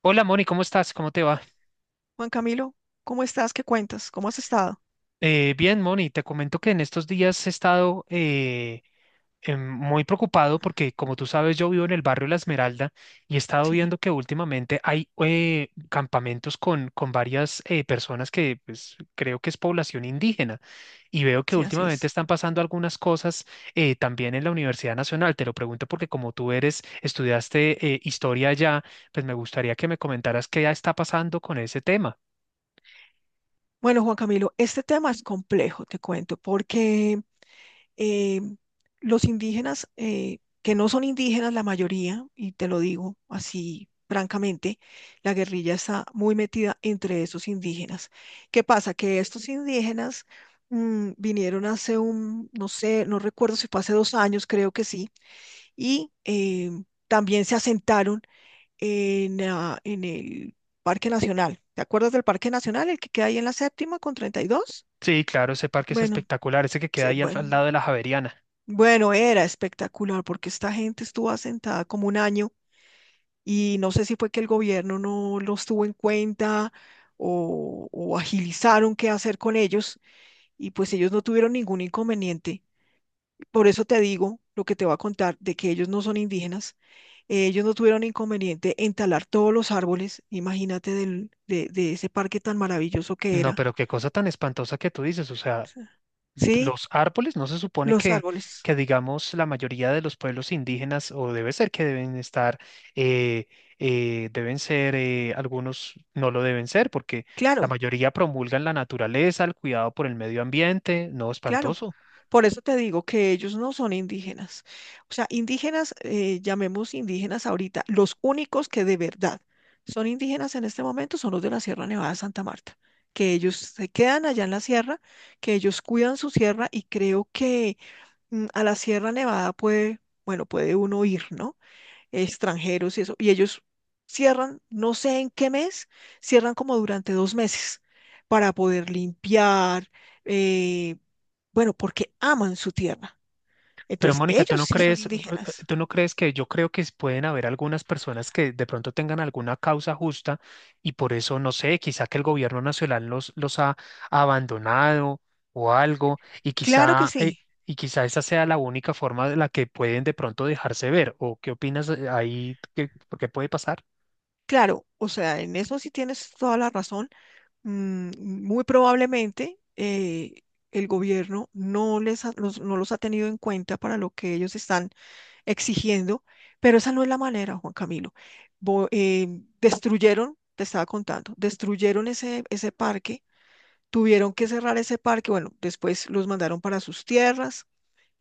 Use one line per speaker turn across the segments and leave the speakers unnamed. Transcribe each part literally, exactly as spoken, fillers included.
Hola Moni, ¿cómo estás? ¿Cómo te va?
Juan Camilo, ¿cómo estás? ¿Qué cuentas? ¿Cómo has estado?
Eh, bien, Moni, te comento que en estos días he estado eh, em, muy preocupado porque, como tú sabes, yo vivo en el barrio La Esmeralda y he estado
Sí,
viendo que últimamente hay eh, campamentos con, con varias eh, personas que, pues, creo que es población indígena, y veo que
sí, así
últimamente
es.
están pasando algunas cosas eh, también en la Universidad Nacional. Te lo pregunto porque como tú eres, estudiaste eh, historia allá, pues me gustaría que me comentaras qué ya está pasando con ese tema.
Bueno, Juan Camilo, este tema es complejo, te cuento, porque eh, los indígenas, eh, que no son indígenas la mayoría, y te lo digo así francamente, la guerrilla está muy metida entre esos indígenas. ¿Qué pasa? Que estos indígenas mm, vinieron hace un, no sé, no recuerdo si fue hace dos años, creo que sí, y eh, también se asentaron en, ah, en el Parque Nacional. ¿Te acuerdas del Parque Nacional, el que queda ahí en la séptima con treinta y dos?
Sí, claro, ese parque es
Bueno,
espectacular, ese que queda
se-
ahí al, al
bueno,
lado de la Javeriana.
bueno, era espectacular porque esta gente estuvo asentada como un año y no sé si fue que el gobierno no los tuvo en cuenta o, o agilizaron qué hacer con ellos y pues ellos no tuvieron ningún inconveniente. Por eso te digo lo que te voy a contar de que ellos no son indígenas. Eh, Ellos no tuvieron inconveniente en talar todos los árboles, imagínate del- de, de ese parque tan maravilloso que
No,
era.
pero qué cosa tan espantosa que tú dices, o sea,
Sí, sí,
los árboles no se supone
los
que,
árboles.
que digamos, la mayoría de los pueblos indígenas, o debe ser que deben estar, eh, eh, deben ser, eh, algunos no lo deben ser, porque la
Claro,
mayoría promulgan la naturaleza, el cuidado por el medio ambiente, no,
claro.
espantoso.
Por eso te digo que ellos no son indígenas. O sea, indígenas, eh, llamemos indígenas ahorita, los únicos que de verdad son indígenas en este momento son los de la Sierra Nevada de Santa Marta, que ellos se quedan allá en la sierra, que ellos cuidan su sierra y creo que mm, a la Sierra Nevada puede, bueno, puede uno ir, ¿no? Extranjeros y eso, y ellos cierran, no sé en qué mes, cierran como durante dos meses para poder limpiar, eh, bueno, porque aman su tierra.
Pero,
Entonces,
Mónica, ¿tú
ellos
no
sí son
crees, eh, eh,
indígenas.
tú no crees que, yo creo que pueden haber algunas personas que de pronto tengan alguna causa justa y por eso, no sé, quizá que el gobierno nacional los, los ha abandonado o algo, y
Claro que
quizá,
sí,
eh, y quizá esa sea la única forma de la que pueden de pronto dejarse ver? ¿O qué opinas eh, ahí? ¿Qué, por qué puede pasar?
claro, o sea, en eso sí tienes toda la razón. Mm, muy probablemente eh, el gobierno no les ha- los- no los ha tenido en cuenta para lo que ellos están exigiendo, pero esa no es la manera, Juan Camilo. Bo- eh, destruyeron, te estaba contando, destruyeron ese, ese parque, tuvieron que cerrar ese parque, bueno, después los mandaron para sus tierras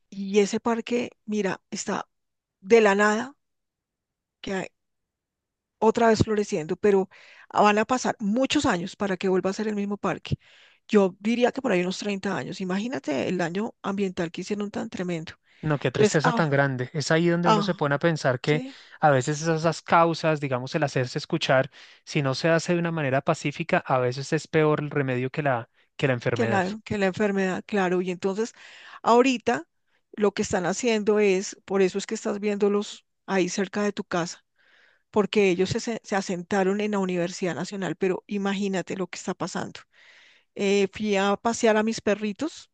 y ese parque, mira, está de la nada, que hay- otra vez floreciendo, pero van a pasar muchos años para que vuelva a ser el mismo parque. Yo diría que por ahí unos treinta años. Imagínate el daño ambiental que hicieron tan tremendo.
No, qué
Entonces,
tristeza
ah,
tan grande. Es ahí donde uno se
ah,
pone a pensar que
sí.
a veces esas esas causas, digamos, el hacerse escuchar, si no se hace de una manera pacífica, a veces es peor el remedio que la, que la
Que
enfermedad.
la, que la enfermedad, claro. Y entonces, ahorita lo que están haciendo es, por eso es que estás viéndolos ahí cerca de tu casa, porque ellos se, se- se asentaron en la Universidad Nacional, pero imagínate lo que está pasando. Eh, fui a pasear a mis perritos,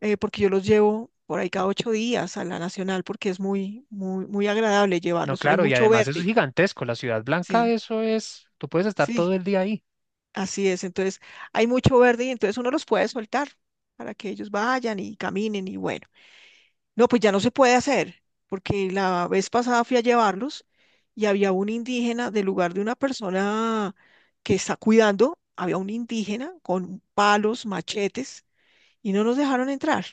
eh, porque yo los llevo por ahí cada ocho días a la Nacional, porque es muy, muy, muy agradable
No,
llevarlos. Hay
claro, y
mucho
además eso es
verde,
gigantesco. La Ciudad Blanca,
sí,
eso es, tú puedes estar
sí,
todo el día ahí.
así es. Entonces, hay mucho verde y entonces uno los puede soltar para que ellos vayan y caminen y bueno. No, pues ya no se puede hacer, porque la vez pasada fui a llevarlos y había un indígena del lugar de una persona que está cuidando, había un indígena con palos, machetes, y no nos dejaron entrar.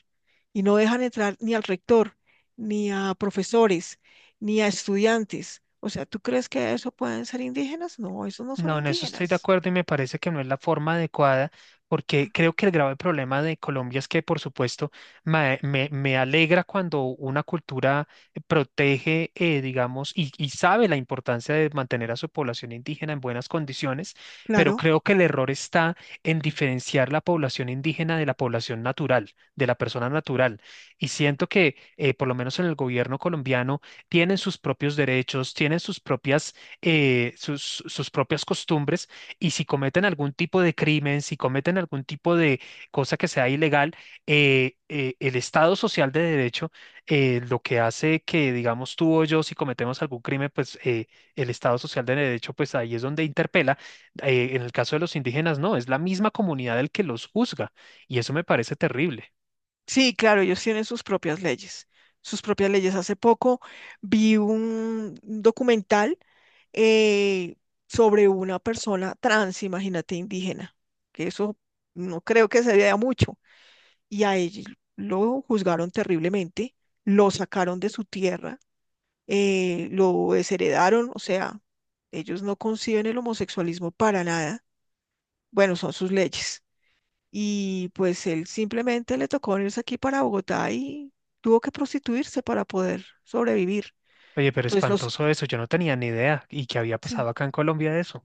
Y no dejan entrar ni al rector, ni a profesores, ni a estudiantes. O sea, ¿tú crees que eso pueden ser indígenas? No, esos no son
No, en eso estoy de
indígenas.
acuerdo y me parece que no es la forma adecuada, porque creo que el grave problema de Colombia es que, por supuesto, ma- me, me alegra cuando una cultura protege, eh, digamos, y, y sabe la importancia de mantener a su población indígena en buenas condiciones, pero
Claro.
creo que el error está en diferenciar la población indígena de la población natural, de la persona natural. Y siento que, eh, por lo menos en el gobierno colombiano, tienen sus propios derechos, tienen sus propias eh, sus, sus propias costumbres, y si cometen algún tipo de crimen, si cometen algún tipo de cosa que sea ilegal, eh, eh, el Estado social de derecho eh, lo que hace que, digamos, tú o yo, si cometemos algún crimen, pues, eh, el Estado social de derecho, pues ahí es donde interpela. Eh, en el caso de los indígenas, no, es la misma comunidad el que los juzga, y eso me parece terrible.
Sí, claro, ellos tienen sus propias leyes, sus propias leyes. Hace poco vi un documental eh, sobre una persona trans, imagínate, indígena, que eso no creo que se vea mucho, y a ellos lo juzgaron terriblemente, lo sacaron de su tierra, eh, lo desheredaron, o sea, ellos no conciben el homosexualismo para nada. Bueno, son sus leyes. Y pues él simplemente le tocó venirse aquí para Bogotá y tuvo que prostituirse para poder sobrevivir.
Oye, pero
Entonces los...
espantoso eso, yo no tenía ni idea y que había
sí.
pasado acá en Colombia de eso.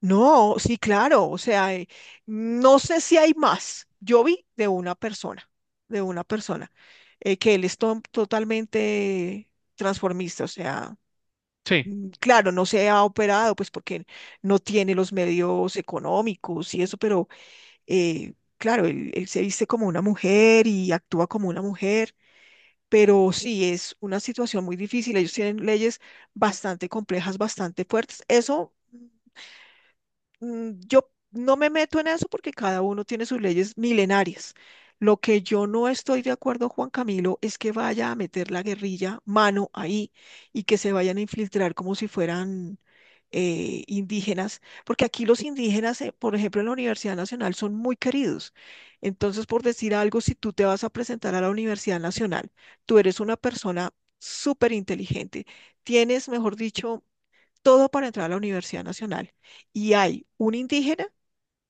No, sí, claro, o sea, eh, no sé si hay más. Yo vi de una persona, de una persona, eh, que él es to- totalmente transformista, o sea,
Sí.
mm, claro, no se ha operado, pues porque no tiene los medios económicos y eso, pero eh, claro, él él se viste como una mujer y actúa como una mujer. Pero sí es una situación muy difícil. Ellos tienen leyes bastante complejas, bastante fuertes. Eso mm, yo no me meto en eso porque cada uno tiene sus leyes milenarias. Lo que yo no estoy de acuerdo, Juan Camilo, es que vaya a meter la guerrilla mano ahí y que se vayan a infiltrar como si fueran eh, indígenas, porque aquí los indígenas, eh, por ejemplo, en la Universidad Nacional son muy queridos. Entonces, por decir algo, si tú te vas a presentar a la Universidad Nacional, tú eres una persona súper inteligente, tienes, mejor dicho, todo para entrar a la Universidad Nacional y hay un indígena,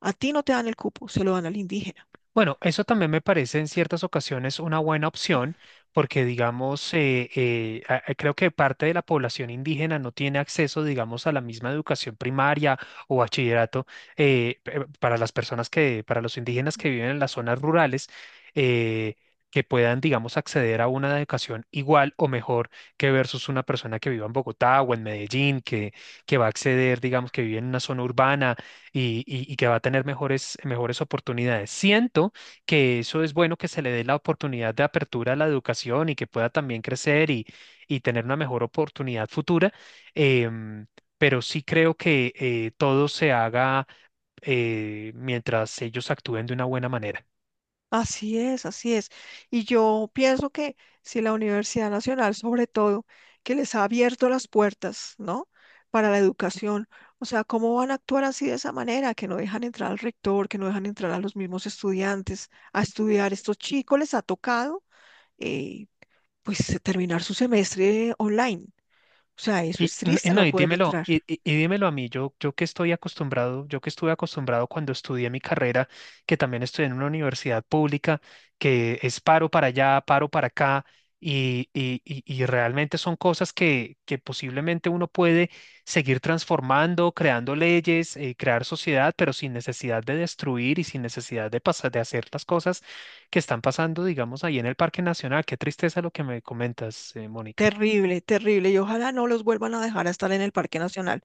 a ti no te dan el cupo, se lo dan al indígena.
Bueno, eso también me parece en ciertas ocasiones una buena opción, porque, digamos, eh, eh, a- a- creo que parte de la población indígena no tiene acceso, digamos, a la misma educación primaria o bachillerato, eh, pe- para las personas que, para los indígenas que viven en las zonas rurales, eh, que puedan, digamos, acceder a una educación igual o mejor que, versus una persona que viva en Bogotá o en Medellín, que, que va a acceder, digamos, que vive en una zona urbana y, y- y que va a tener mejores, mejores oportunidades. Siento que eso es bueno, que se le dé la oportunidad de apertura a la educación y que pueda también crecer y, y tener una mejor oportunidad futura, em, pero sí creo que, eh, todo se haga, eh, mientras ellos actúen de una buena manera.
Así es, así es. Y yo pienso que si la Universidad Nacional, sobre todo, que les ha abierto las puertas, ¿no? Para la educación, o sea, ¿cómo van a actuar así de esa manera? Que no dejan entrar al rector, que no dejan entrar a los mismos estudiantes a estudiar. Estos chicos les ha tocado, eh, pues, terminar su semestre online. O sea, eso
Y
es
n- y
triste
no,
no
y
poder
dímelo,
entrar.
y, y- y dímelo a mí, yo, yo que estoy acostumbrado, yo que estuve acostumbrado cuando estudié mi carrera, que también estudié en una universidad pública, que es paro para allá, paro para acá, y, y, y- y realmente son cosas que, que posiblemente uno puede seguir transformando, creando leyes, eh, crear sociedad, pero sin necesidad de destruir y sin necesidad de pasar, de hacer las cosas que están pasando, digamos, ahí en el Parque Nacional. Qué tristeza lo que me comentas, eh, Mónica.
Terrible, terrible. Y ojalá no los vuelvan a dejar a estar en el Parque Nacional,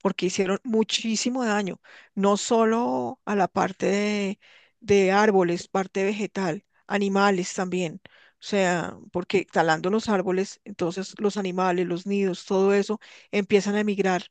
porque hicieron muchísimo daño, no solo a la parte de, de árboles, parte vegetal, animales también. O sea, porque talando los árboles, entonces los animales, los nidos, todo eso empiezan a emigrar.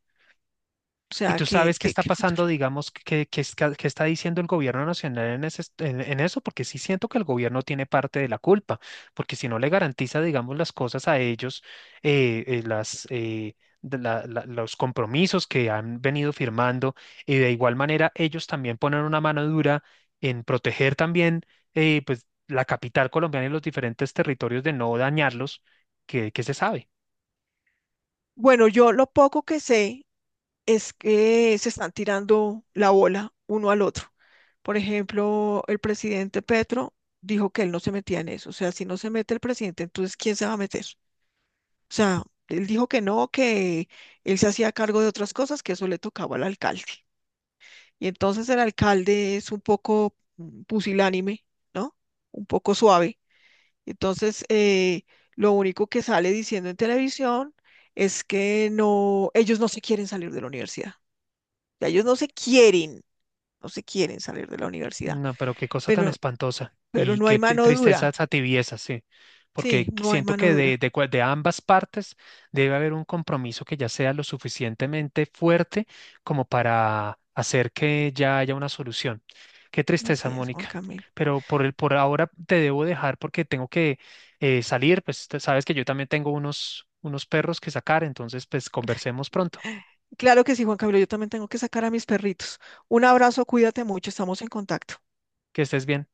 O
¿Y
sea,
tú
¿qué,
sabes qué
qué,
está
qué futuro?
pasando, digamos, qué, qué está, qué está diciendo el gobierno nacional en, ese est- en- en eso? Porque sí siento que el gobierno tiene parte de la culpa, porque si no le garantiza, digamos, las cosas a ellos, eh, eh, las, eh, de la- la- los compromisos que han venido firmando, y de igual manera ellos también ponen una mano dura en proteger también, eh, pues, la capital colombiana y los diferentes territorios de no dañarlos, que, que se sabe.
Bueno, yo lo poco que sé es que se están tirando la bola uno al otro. Por ejemplo, el presidente Petro dijo que él no se metía en eso. O sea, si no se mete el presidente, entonces ¿quién se va a meter? O sea, él dijo que no, que él se hacía cargo de otras cosas, que eso le tocaba al alcalde. Y entonces el alcalde es un poco mm, pusilánime, ¿no? Un poco suave. Entonces, eh, lo único que sale diciendo en televisión es que no, ellos no se quieren salir de la universidad. Ya ellos no se quieren, no se quieren salir de la universidad,
No, pero qué cosa tan
pero,
espantosa
pero
y
no hay
qué te-
mano
tristeza
dura.
esa tibieza, sí,
Sí,
porque
no hay
siento
mano
que de,
dura.
de, cua- de ambas partes debe haber un compromiso que ya sea lo suficientemente fuerte como para hacer que ya haya una solución. Qué tristeza,
Así es, Juan
Mónica.
Camilo.
Pero por el, por ahora te debo dejar porque tengo que, eh, salir, pues te- sabes que yo también tengo unos, unos perros que sacar, entonces, pues, conversemos pronto.
Claro que sí, Juan Camilo, yo también tengo que sacar a mis perritos. Un abrazo, cuídate mucho, estamos en contacto.
Que estés bien.